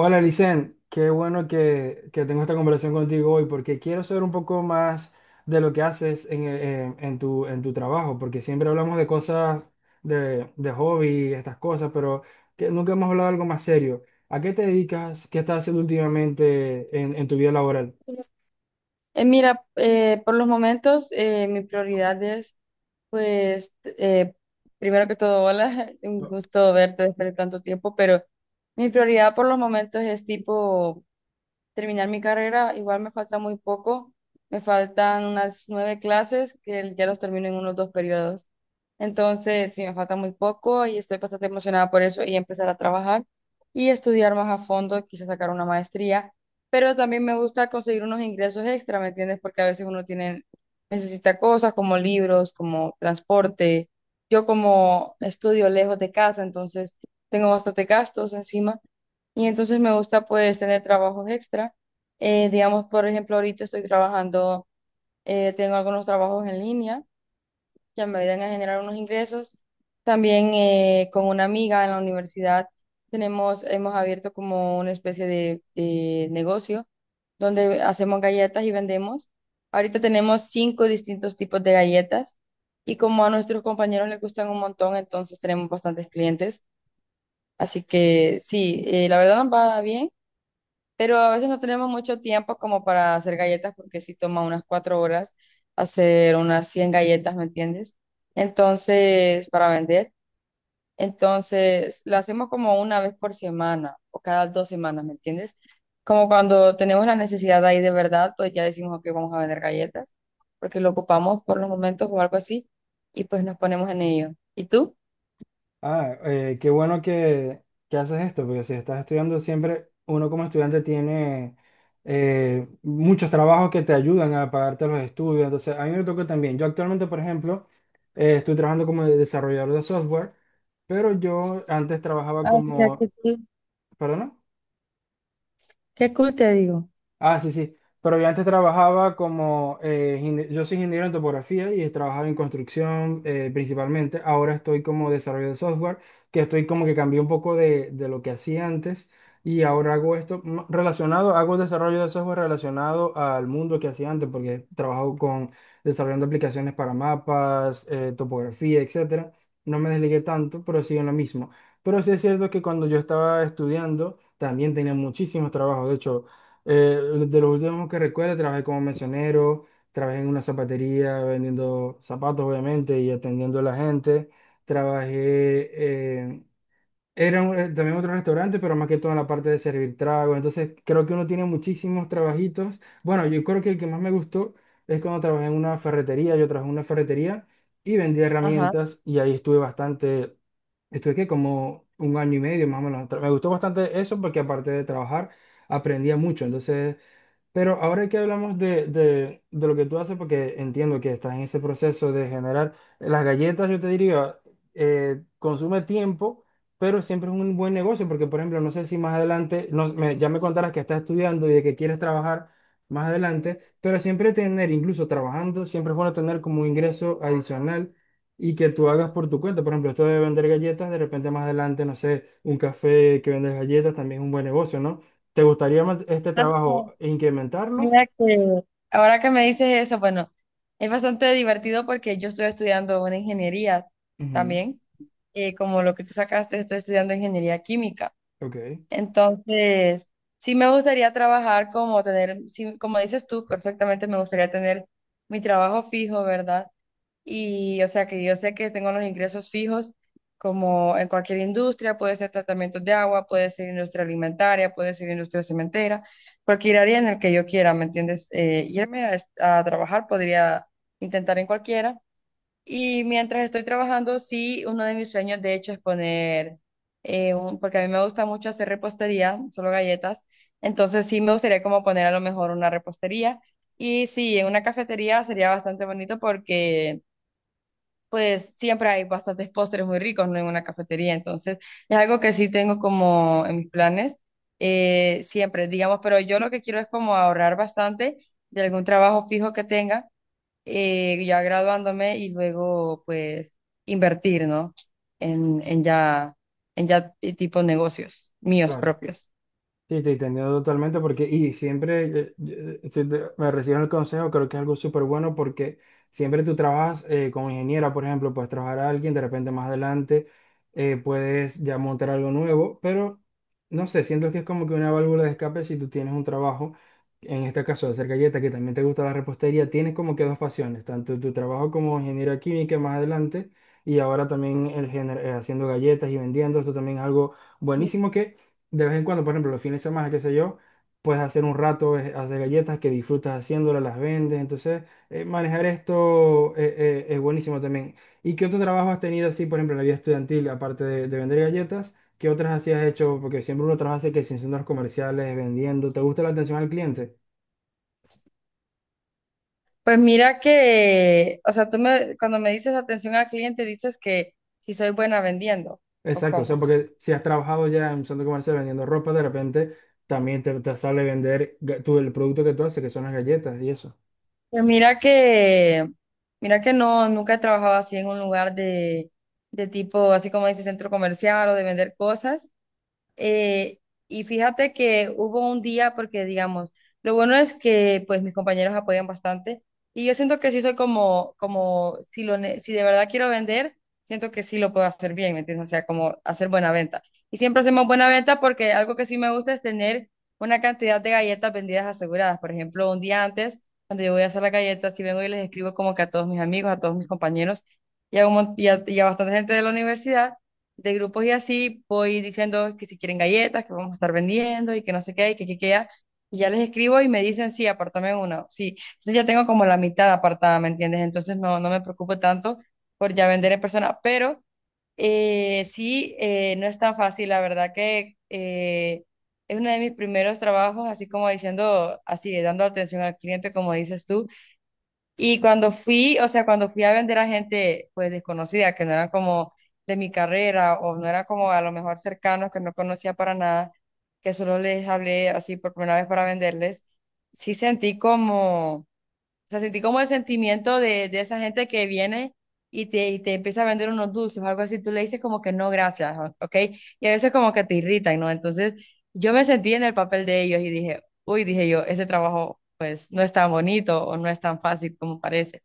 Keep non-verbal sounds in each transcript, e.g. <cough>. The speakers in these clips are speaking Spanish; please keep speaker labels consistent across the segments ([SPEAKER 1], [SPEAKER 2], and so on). [SPEAKER 1] Hola, Licen, qué bueno que tengo esta conversación contigo hoy porque quiero saber un poco más de lo que haces en tu trabajo, porque siempre hablamos de cosas de hobby, estas cosas, pero que nunca hemos hablado de algo más serio. ¿A qué te dedicas? ¿Qué estás haciendo últimamente en tu vida laboral?
[SPEAKER 2] Eh, Mira, por los momentos mi prioridad es, pues, primero que todo, hola, <laughs> un gusto verte después de tanto tiempo, pero mi prioridad por los momentos es tipo terminar mi carrera. Igual me falta muy poco, me faltan unas nueve clases que ya los termino en unos 2 periodos. Entonces, sí, me falta muy poco y estoy bastante emocionada por eso y empezar a trabajar y estudiar más a fondo, quizás sacar una maestría, pero también me gusta conseguir unos ingresos extra, ¿me entiendes? Porque a veces uno tiene, necesita cosas como libros, como transporte. Yo como estudio lejos de casa, entonces tengo bastante gastos encima y entonces me gusta pues tener trabajos extra. Digamos, por ejemplo, ahorita estoy trabajando, tengo algunos trabajos en línea que me ayudan a generar unos ingresos. También con una amiga en la universidad tenemos, hemos abierto como una especie de negocio donde hacemos galletas y vendemos. Ahorita tenemos cinco distintos tipos de galletas y como a nuestros compañeros les gustan un montón, entonces tenemos bastantes clientes. Así que sí, la verdad nos va bien, pero a veces no tenemos mucho tiempo como para hacer galletas porque sí toma unas 4 horas hacer unas 100 galletas, ¿me entiendes? Entonces, para vender, entonces la hacemos como una vez por semana o cada 2 semanas, ¿me entiendes? Como cuando tenemos la necesidad ahí de verdad, pues ya decimos que vamos a vender galletas porque lo ocupamos por los momentos o algo así y pues nos ponemos en ello. ¿Y tú?
[SPEAKER 1] Qué bueno que haces esto, porque si estás estudiando siempre, uno como estudiante tiene muchos trabajos que te ayudan a pagarte los estudios. Entonces, a mí me toca también. Yo actualmente, por ejemplo, estoy trabajando como desarrollador de software, pero yo antes trabajaba
[SPEAKER 2] Ah, mira,
[SPEAKER 1] como...
[SPEAKER 2] qué cool.
[SPEAKER 1] ¿Perdona?
[SPEAKER 2] Qué cool te digo.
[SPEAKER 1] Ah, sí, sí. Pero yo antes trabajaba como yo soy ingeniero en topografía y trabajaba en construcción principalmente. Ahora estoy como desarrollo de software, que estoy como que cambié un poco de lo que hacía antes y ahora hago esto relacionado, hago desarrollo de software relacionado al mundo que hacía antes, porque trabajo con desarrollando aplicaciones para mapas, topografía, etcétera. No me desligué tanto, pero sigo en lo mismo. Pero sí es cierto que cuando yo estaba estudiando, también tenía muchísimos trabajos. De hecho, eh, de los últimos que recuerdo, trabajé como mesonero, trabajé en una zapatería vendiendo zapatos, obviamente, y atendiendo a la gente. Trabajé, eh, también otro restaurante, pero más que todo en la parte de servir tragos. Entonces, creo que uno tiene muchísimos trabajitos. Bueno, yo creo que el que más me gustó es cuando trabajé en una ferretería. Yo trabajé en una ferretería y vendía
[SPEAKER 2] Ajá.
[SPEAKER 1] herramientas y ahí estuve bastante, estuve que como un año y medio más o menos. Me gustó bastante eso porque aparte de trabajar, aprendía mucho. Entonces, pero ahora que hablamos de lo que tú haces, porque entiendo que estás en ese proceso de generar las galletas, yo te diría, consume tiempo, pero siempre es un buen negocio, porque por ejemplo, no sé si más adelante, ya me contarás que estás estudiando y de que quieres trabajar más adelante, pero siempre tener, incluso trabajando, siempre es bueno tener como un ingreso adicional y que tú hagas por tu cuenta. Por ejemplo, esto de vender galletas, de repente más adelante, no sé, un café que vendes galletas también es un buen negocio, ¿no? ¿Te gustaría este
[SPEAKER 2] Ah.
[SPEAKER 1] trabajo incrementarlo?
[SPEAKER 2] Mira que ahora que me dices eso, bueno, es bastante divertido porque yo estoy estudiando una ingeniería
[SPEAKER 1] Ujú.
[SPEAKER 2] también, como lo que tú sacaste, estoy estudiando ingeniería química.
[SPEAKER 1] Ok.
[SPEAKER 2] Entonces, sí me gustaría trabajar como tener, sí, como dices tú, perfectamente me gustaría tener mi trabajo fijo, ¿verdad? Y o sea que yo sé que tengo los ingresos fijos como en cualquier industria, puede ser tratamientos de agua, puede ser industria alimentaria, puede ser industria cementera, cualquier área en el que yo quiera, ¿me entiendes? Irme a, a trabajar podría intentar en cualquiera. Y mientras estoy trabajando, sí, uno de mis sueños de hecho es poner, porque a mí me gusta mucho hacer repostería, solo galletas, entonces sí me gustaría como poner a lo mejor una repostería. Y sí, en una cafetería sería bastante bonito porque pues siempre hay bastantes postres muy ricos, ¿no? En una cafetería, entonces es algo que sí tengo como en mis planes, siempre, digamos, pero yo lo que quiero es como ahorrar bastante de algún trabajo fijo que tenga, ya graduándome y luego pues invertir, ¿no? En, en ya, en ya, tipo negocios míos
[SPEAKER 1] Claro.
[SPEAKER 2] propios.
[SPEAKER 1] Sí, te entiendo totalmente porque, y siempre si me reciben el consejo, creo que es algo súper bueno porque siempre tú trabajas como ingeniera, por ejemplo, puedes trabajar a alguien, de repente más adelante puedes ya montar algo nuevo, pero no sé, siento que es como que una válvula de escape si tú tienes un trabajo, en este caso de hacer galletas, que también te gusta la repostería, tienes como que dos pasiones, tanto tu trabajo como ingeniera química más adelante y ahora también el haciendo galletas y vendiendo, esto también es algo buenísimo de vez en cuando, por ejemplo, los fines de semana, qué sé yo, puedes hacer un rato, hacer galletas que disfrutas haciéndolas, las vendes. Entonces, manejar esto es buenísimo también. ¿Y qué otro trabajo has tenido así, por ejemplo, en la vida estudiantil, aparte de vender galletas? ¿Qué otras así has hecho? Porque siempre uno trabaja así que sin centros comerciales, vendiendo. ¿Te gusta la atención al cliente?
[SPEAKER 2] Pues mira que, o sea, cuando me dices atención al cliente, dices que si soy buena vendiendo, ¿o
[SPEAKER 1] Exacto, o sea,
[SPEAKER 2] cómo?
[SPEAKER 1] porque si has trabajado ya en un centro comercial vendiendo ropa, de repente también te sale vender tú, el producto que tú haces, que son las galletas y eso.
[SPEAKER 2] Pues mira que no, nunca he trabajado así en un lugar de tipo, así como dice, centro comercial o de vender cosas. Eh, y fíjate que hubo un día, porque digamos, lo bueno es que pues mis compañeros apoyan bastante y yo siento que sí soy como si de verdad quiero vender, siento que sí lo puedo hacer bien, ¿me entiendes? O sea, como hacer buena venta. Y siempre hacemos buena venta porque algo que sí me gusta es tener una cantidad de galletas vendidas aseguradas. Por ejemplo, un día antes, cuando yo voy a hacer las galletas, si vengo y les escribo como que a todos mis amigos, a todos mis compañeros y a, un mon- y a bastante gente de la universidad de grupos y así voy diciendo que si quieren galletas, que vamos a estar vendiendo y que no sé qué, y que ya. Y ya les escribo y me dicen, sí, apartame uno, sí. Entonces ya tengo como la mitad apartada, ¿me entiendes? Entonces no, no me preocupo tanto por ya vender en persona, pero sí, no es tan fácil, la verdad que es uno de mis primeros trabajos, así como diciendo, así, dando atención al cliente, como dices tú. Y cuando fui, o sea, cuando fui a vender a gente pues desconocida, que no eran como de mi carrera o no eran como a lo mejor cercanos, que no conocía para nada, que solo les hablé así por primera vez para venderles, sí sentí como, o sea, sentí como el sentimiento de esa gente que viene y te empieza a vender unos dulces o algo así. Tú le dices como que no, gracias, ¿ok? Y a veces como que te irritan, ¿no? Entonces yo me sentí en el papel de ellos y dije, uy, dije yo, ese trabajo pues no es tan bonito o no es tan fácil como parece.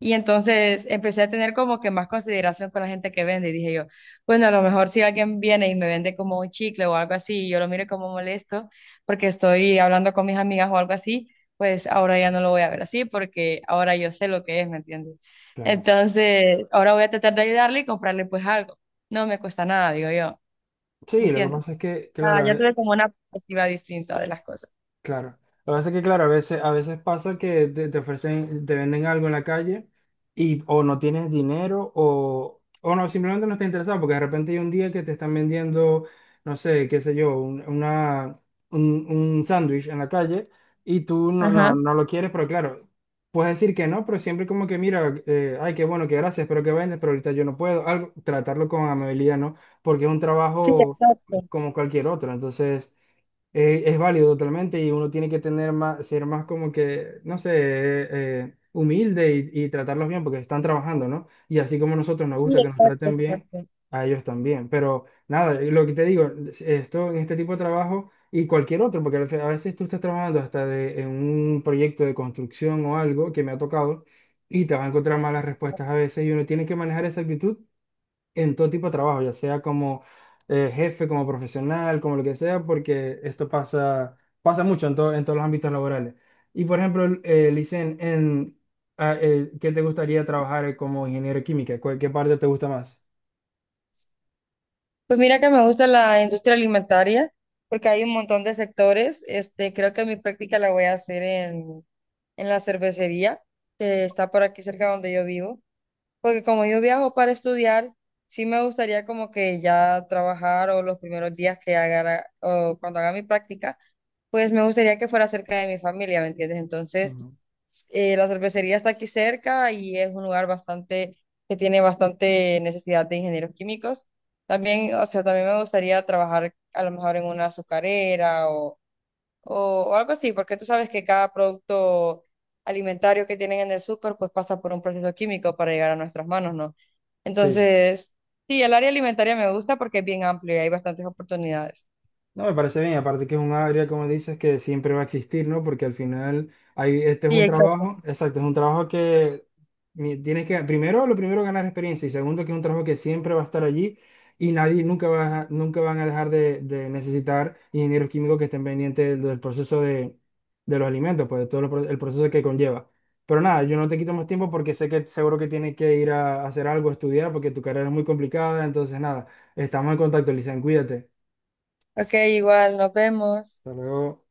[SPEAKER 2] Y entonces empecé a tener como que más consideración con la gente que vende y dije yo, bueno, a lo mejor si alguien viene y me vende como un chicle o algo así y yo lo miro como molesto porque estoy hablando con mis amigas o algo así, pues ahora ya no lo voy a ver así porque ahora yo sé lo que es, ¿me entiendes?
[SPEAKER 1] Claro.
[SPEAKER 2] Entonces, ahora voy a tratar de ayudarle y comprarle pues algo. No me cuesta nada, digo yo, ¿me
[SPEAKER 1] Sí, lo que
[SPEAKER 2] entiendes?
[SPEAKER 1] pasa es que,
[SPEAKER 2] Ah,
[SPEAKER 1] claro.
[SPEAKER 2] ya tuve como una perspectiva distinta de las cosas.
[SPEAKER 1] Claro. Lo que pasa es que, claro, a veces pasa que te ofrecen, te venden algo en la calle y o no tienes dinero o no, simplemente no estás interesado porque de repente hay un día que te están vendiendo, no sé, qué sé yo, un sándwich en la calle y tú
[SPEAKER 2] Ajá.
[SPEAKER 1] no lo quieres, pero claro, puedes decir que no, pero siempre como que mira, ay, qué bueno, qué gracias, pero que vendes, pero ahorita yo no puedo, algo, tratarlo con amabilidad, ¿no? Porque es un
[SPEAKER 2] Sí,
[SPEAKER 1] trabajo
[SPEAKER 2] exacto.
[SPEAKER 1] como cualquier otro, entonces... Es válido totalmente y uno tiene que tener más, ser más como que, no sé, humilde y tratarlos bien porque están trabajando, ¿no? Y así como a nosotros nos
[SPEAKER 2] Sí,
[SPEAKER 1] gusta que nos
[SPEAKER 2] exacto,
[SPEAKER 1] traten bien,
[SPEAKER 2] exacto.
[SPEAKER 1] a ellos también. Pero nada, lo que te digo, esto en este tipo de trabajo y cualquier otro, porque a veces tú estás trabajando hasta de, en un proyecto de construcción o algo que me ha tocado y te vas a encontrar malas respuestas a veces y uno tiene que manejar esa actitud en todo tipo de trabajo, ya sea como jefe, como profesional, como lo que sea, porque esto pasa, pasa mucho en, en todos los ámbitos laborales. Y por ejemplo, Licen, ¿qué te gustaría trabajar como ingeniero de química? ¿Qué parte te gusta más?
[SPEAKER 2] Pues mira que me gusta la industria alimentaria porque hay un montón de sectores. Creo que mi práctica la voy a hacer en la cervecería que está por aquí cerca donde yo vivo. Porque como yo viajo para estudiar, sí me gustaría como que ya trabajar o los primeros días que haga, o cuando haga mi práctica, pues me gustaría que fuera cerca de mi familia, ¿me entiendes? Entonces,
[SPEAKER 1] Ujú.
[SPEAKER 2] la cervecería está aquí cerca y es un lugar bastante, que tiene bastante necesidad de ingenieros químicos. También, o sea, también me gustaría trabajar a lo mejor en una azucarera o algo así, porque tú sabes que cada producto alimentario que tienen en el súper, pues pasa por un proceso químico para llegar a nuestras manos, ¿no?
[SPEAKER 1] Sí.
[SPEAKER 2] Entonces, sí, el área alimentaria me gusta porque es bien amplio y hay bastantes oportunidades.
[SPEAKER 1] No, me parece bien, aparte que es un área, como dices, que siempre va a existir, ¿no? Porque al final hay, este es
[SPEAKER 2] Sí,
[SPEAKER 1] un
[SPEAKER 2] exacto.
[SPEAKER 1] trabajo, exacto, es un trabajo que tienes que, primero, lo primero, ganar experiencia y segundo, que es un trabajo que siempre va a estar allí y nadie, nunca nunca van a dejar de necesitar ingenieros químicos que estén pendientes del proceso de los alimentos, pues de todo el proceso que conlleva. Pero nada, yo no te quito más tiempo porque sé que seguro que tienes que ir a hacer algo, a estudiar, porque tu carrera es muy complicada, entonces nada, estamos en contacto, Lisan, cuídate.
[SPEAKER 2] Ok, igual, nos vemos.
[SPEAKER 1] Hasta luego.